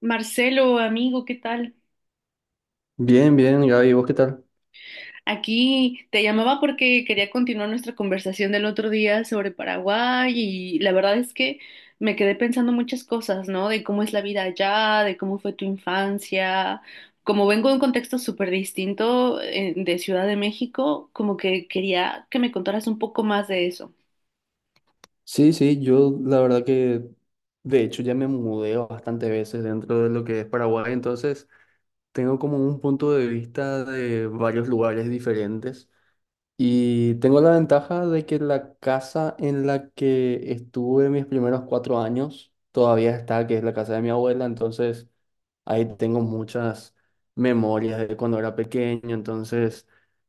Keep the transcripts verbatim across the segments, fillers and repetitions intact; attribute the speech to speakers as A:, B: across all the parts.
A: Marcelo, amigo, ¿qué tal?
B: Bien, bien, Gaby, ¿vos qué tal?
A: Aquí te llamaba porque quería continuar nuestra conversación del otro día sobre Paraguay y la verdad es que me quedé pensando muchas cosas, ¿no? De cómo es la vida allá, de cómo fue tu infancia. Como vengo de un contexto súper distinto eh, de Ciudad de México, como que quería que me contaras un poco más de eso.
B: Sí, sí, yo la verdad que de hecho ya me mudé bastantes veces dentro de lo que es Paraguay, entonces tengo como un punto de vista de varios lugares diferentes y tengo la ventaja de que la casa en la que estuve mis primeros cuatro años todavía está, que es la casa de mi abuela. Entonces ahí tengo muchas memorias de cuando era pequeño, entonces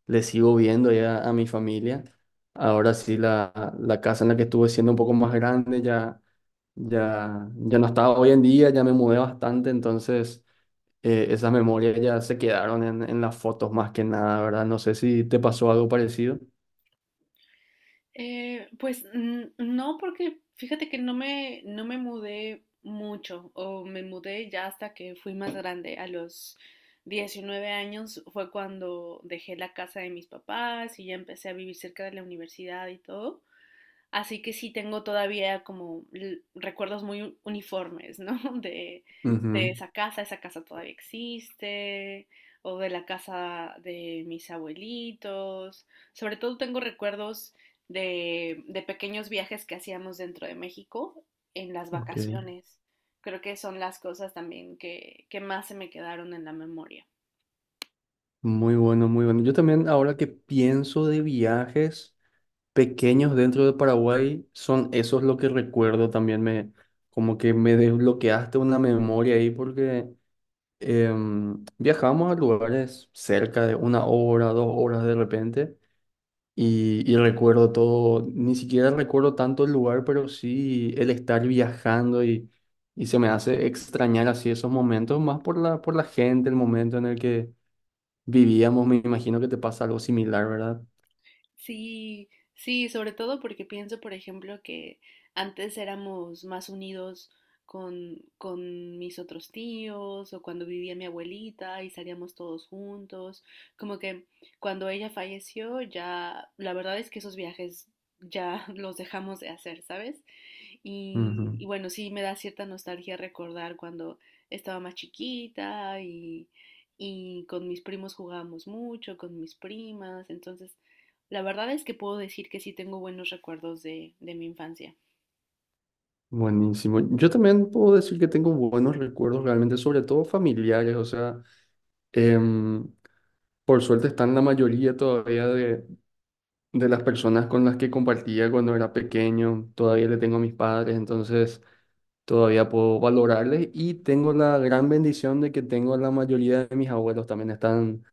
B: le sigo viendo ya a mi familia. Ahora sí, la, la casa en la que estuve siendo un poco más grande ya, ya, ya no estaba hoy en día, ya me mudé bastante, entonces eh, esas memorias ya se quedaron en, en las fotos más que nada, ¿verdad? No sé si te pasó algo parecido.
A: Eh, pues n- no, porque fíjate que no me, no me mudé mucho, o me mudé ya hasta que fui más grande. A los diecinueve años fue cuando dejé la casa de mis papás y ya empecé a vivir cerca de la universidad y todo. Así que sí tengo todavía como l- recuerdos muy uniformes, ¿no? De, de
B: Ujú.
A: esa casa, esa casa todavía existe, o de la casa de mis abuelitos. Sobre todo tengo recuerdos de, de pequeños viajes que hacíamos dentro de México en las
B: Ok,
A: vacaciones. Creo que son las cosas también que, que más se me quedaron en la memoria.
B: muy bueno, muy bueno. Yo también ahora que pienso de viajes pequeños dentro de Paraguay, son esos lo que recuerdo. También me, como que me desbloqueaste una memoria ahí, porque em, viajamos a lugares cerca de una hora, dos horas de repente y, y recuerdo todo. Ni siquiera recuerdo tanto el lugar, pero sí el estar viajando, y, y se me hace extrañar así esos momentos, más por la, por la gente, el momento en el que vivíamos. Me imagino que te pasa algo similar, ¿verdad?
A: Sí, sí, sobre todo porque pienso, por ejemplo, que antes éramos más unidos con, con mis otros tíos o cuando vivía mi abuelita y salíamos todos juntos. Como que cuando ella falleció, ya, la verdad es que esos viajes ya los dejamos de hacer, ¿sabes? Y,
B: Ujú.
A: y bueno, sí me da cierta nostalgia recordar cuando estaba más chiquita y, y con mis primos jugábamos mucho, con mis primas. Entonces, la verdad es que puedo decir que sí tengo buenos recuerdos de, de mi infancia.
B: Buenísimo. Yo también puedo decir que tengo buenos recuerdos realmente, sobre todo familiares. O sea, em, por suerte están la mayoría todavía de, de las personas con las que compartía cuando era pequeño. Todavía le tengo a mis padres, entonces todavía puedo valorarles. Y tengo la gran bendición de que tengo a la mayoría de mis abuelos también. Están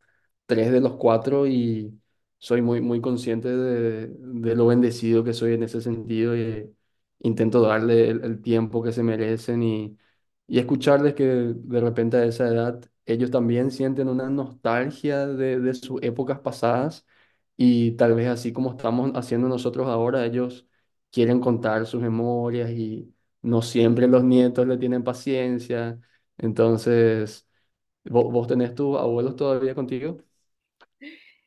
B: tres de los cuatro, y soy muy, muy consciente de, de lo bendecido que soy en ese sentido, y intento darle el, el tiempo que se merecen, y, y escucharles, que de repente a esa edad ellos también sienten una nostalgia de, de sus épocas pasadas, y tal vez así como estamos haciendo nosotros ahora, ellos quieren contar sus memorias y no siempre los nietos le tienen paciencia. Entonces, ¿vo- ¿vos tenés tus abuelos todavía contigo?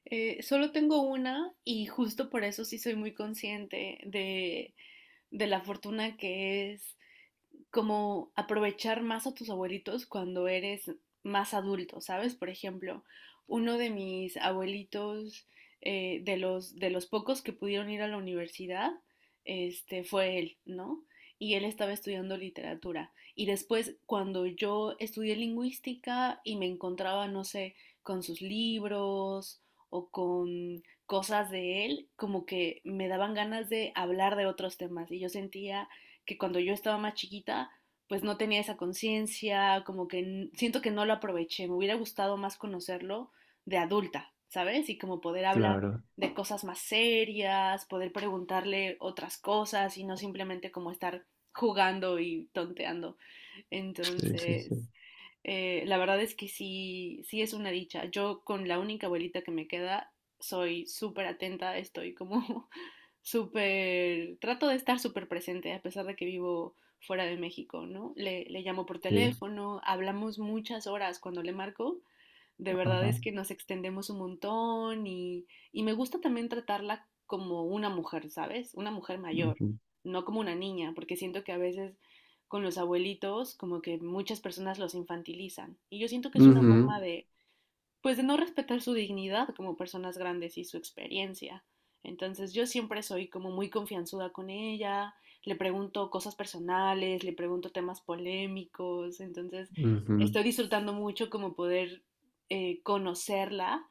A: Eh, solo tengo una y justo por eso sí soy muy consciente de, de la fortuna que es como aprovechar más a tus abuelitos cuando eres más adulto, ¿sabes? Por ejemplo, uno de mis abuelitos, eh, de los, de los pocos que pudieron ir a la universidad, este, fue él, ¿no? Y él estaba estudiando literatura. Y después, cuando yo estudié lingüística y me encontraba, no sé, con sus libros o con cosas de él, como que me daban ganas de hablar de otros temas. Y yo sentía que cuando yo estaba más chiquita, pues no tenía esa conciencia, como que siento que no lo aproveché, me hubiera gustado más conocerlo de adulta, ¿sabes? Y como poder hablar
B: Claro,
A: de cosas más serias, poder preguntarle otras cosas y no simplemente como estar jugando y tonteando.
B: sí, sí,
A: Entonces,
B: sí,
A: eh, la verdad es que sí, sí es una dicha. Yo con la única abuelita que me queda, soy súper atenta, estoy como súper, trato de estar súper presente a pesar de que vivo fuera de México, ¿no? Le, le llamo por
B: sí,
A: teléfono, hablamos muchas horas cuando le marco, de verdad es
B: ajá,
A: que nos extendemos un montón y, y me gusta también tratarla como una mujer, ¿sabes? Una mujer mayor,
B: ujú,
A: no como una niña, porque siento que a veces con los abuelitos como que muchas personas los infantilizan y yo siento que es una forma
B: ujú,
A: de, pues, de no respetar su dignidad como personas grandes y su experiencia. Entonces yo siempre soy como muy confianzuda con ella, le pregunto cosas personales, le pregunto temas polémicos, entonces
B: ujú.
A: estoy disfrutando mucho como poder eh, conocerla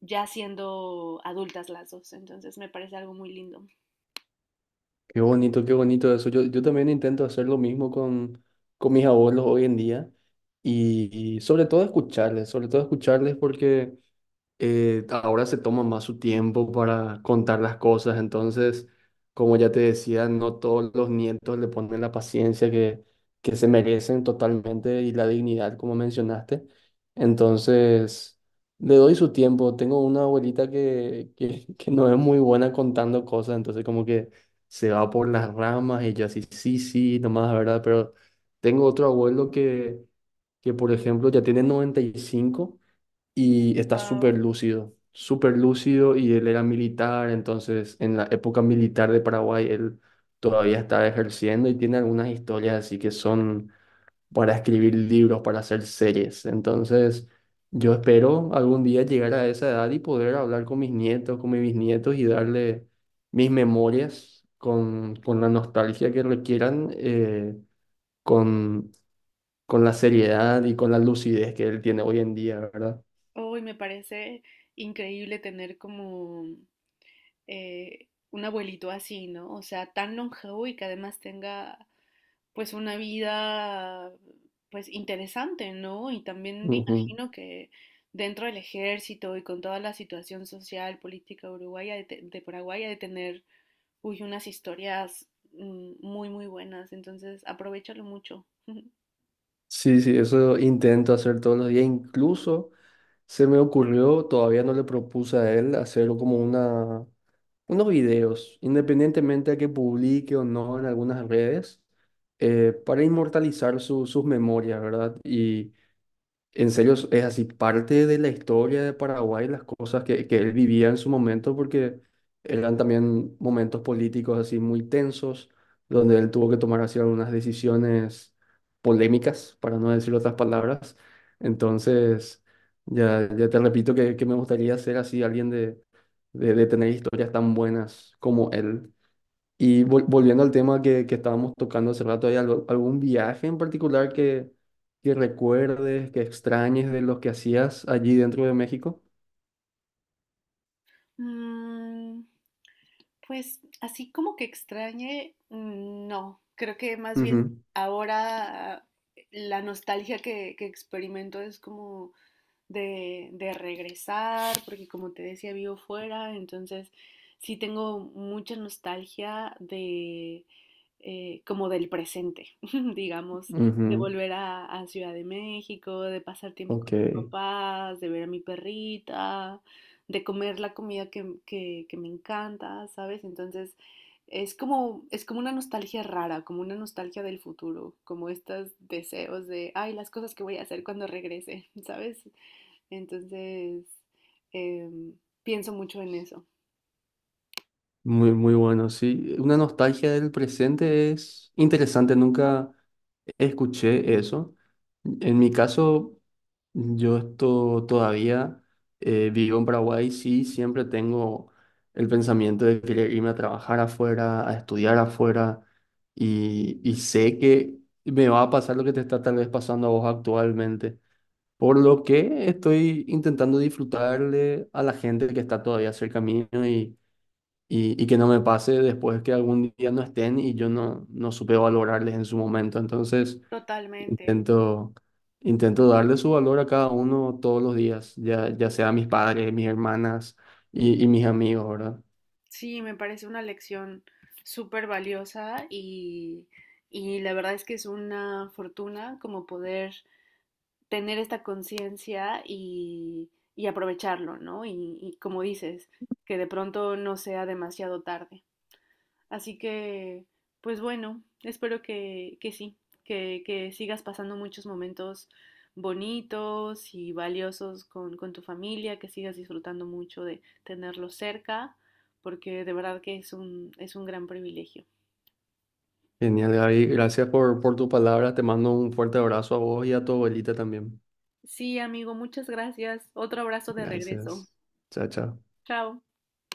A: ya siendo adultas las dos, entonces me parece algo muy lindo.
B: Qué bonito, qué bonito eso. Yo, yo también intento hacer lo mismo con, con mis abuelos hoy en día, y, y sobre todo escucharles, sobre todo escucharles, porque eh, ahora se toma más su tiempo para contar las cosas. Entonces, como ya te decía, no todos los nietos le ponen la paciencia que, que se merecen totalmente, y la dignidad, como mencionaste. Entonces, le doy su tiempo. Tengo una abuelita que, que, que no es muy buena contando cosas, entonces como que se va por las ramas y yo así, sí, sí, nomás, ¿verdad? Pero tengo otro abuelo que que por ejemplo ya tiene noventa y cinco y está súper
A: Wow.
B: lúcido, súper lúcido, y él era militar. Entonces en la época militar de Paraguay él todavía estaba ejerciendo, y tiene algunas historias así que son para escribir libros, para hacer series. Entonces yo espero algún día llegar a esa edad y poder hablar con mis nietos, con mis bisnietos, y darle mis memorias. Con, con la nostalgia que requieran, eh, con, con la seriedad y con la lucidez que él tiene hoy en día, ¿verdad?
A: Hoy me parece increíble tener como eh, un abuelito así, ¿no? O sea, tan longevo y que además tenga pues una vida pues interesante, ¿no? Y también me
B: Ujú.
A: imagino que dentro del ejército y con toda la situación social, política uruguaya de, te- de Paraguay ha de tener, uy, unas historias mm, muy, muy buenas, entonces aprovéchalo mucho.
B: Sí, sí, eso intento hacer todos los días. Incluso se me ocurrió, todavía no le propuse a él, hacer como una, unos videos, independientemente de que publique o no en algunas redes, eh, para inmortalizar su- sus memorias, ¿verdad? Y en serio, es es así parte de la historia de Paraguay, las cosas que, que él vivía en su momento, porque eran también momentos políticos así muy tensos, donde él tuvo que tomar así algunas decisiones polémicas, para no decir otras palabras. Entonces, ya, ya te repito que, que me gustaría ser así alguien de, de, de tener historias tan buenas como él. Y vol- volviendo al tema que, que estábamos tocando hace rato, ¿hay algo- algún viaje en particular que, que recuerdes, que extrañes de los que hacías allí dentro de México?
A: Mm, Pues, así como que extrañe, mm, no. Creo que más bien
B: Ujú,
A: ahora eh, la nostalgia que, que experimento es como de, de regresar, porque como te decía, vivo fuera, entonces sí tengo mucha nostalgia de eh, como del presente, digamos, de
B: ujú.
A: volver a, a Ciudad de México, de pasar tiempo
B: Ok,
A: con mis papás, de ver a mi perrita, de comer la comida que, que- que me encanta, ¿sabes? Entonces es como, es como una nostalgia rara, como una nostalgia del futuro, como estos deseos de, ay, las cosas que voy a hacer cuando regrese, ¿sabes? Entonces em, pienso mucho en eso.
B: muy, muy bueno, sí. Una nostalgia del presente es interesante, nunca escuché eso. En mi caso, yo esto todavía, eh, vivo en Paraguay, sí, siempre tengo el pensamiento de querer irme a trabajar afuera, a estudiar afuera, y, y sé que me va a pasar lo que te está tal vez pasando a vos actualmente, por lo que estoy intentando disfrutarle a la gente que está todavía cerca mío, y, y, y que no me pase después que algún día no estén y yo no, no supe valorarles en su momento. Entonces,
A: Totalmente.
B: intento, intento darle su valor a cada uno todos los días, ya, ya sea mis padres, mis hermanas, y, y mis amigos, ¿verdad?
A: Sí, me parece una lección súper valiosa y, y la verdad es que es una fortuna como poder tener esta conciencia y, y aprovecharlo, ¿no? Y, y como dices, que de pronto no sea demasiado tarde. Así que, pues bueno, espero que, que sí, que, que, sigas pasando muchos momentos bonitos y valiosos con, con tu familia, que sigas disfrutando mucho de tenerlos cerca, porque de verdad que es un, es un gran privilegio.
B: Genial, Gaby. Gracias por, por tu palabra. Te mando un fuerte abrazo a vos y a tu abuelita también.
A: Sí, amigo, muchas gracias. Otro abrazo de regreso.
B: Gracias. Chao, chao.
A: Chao.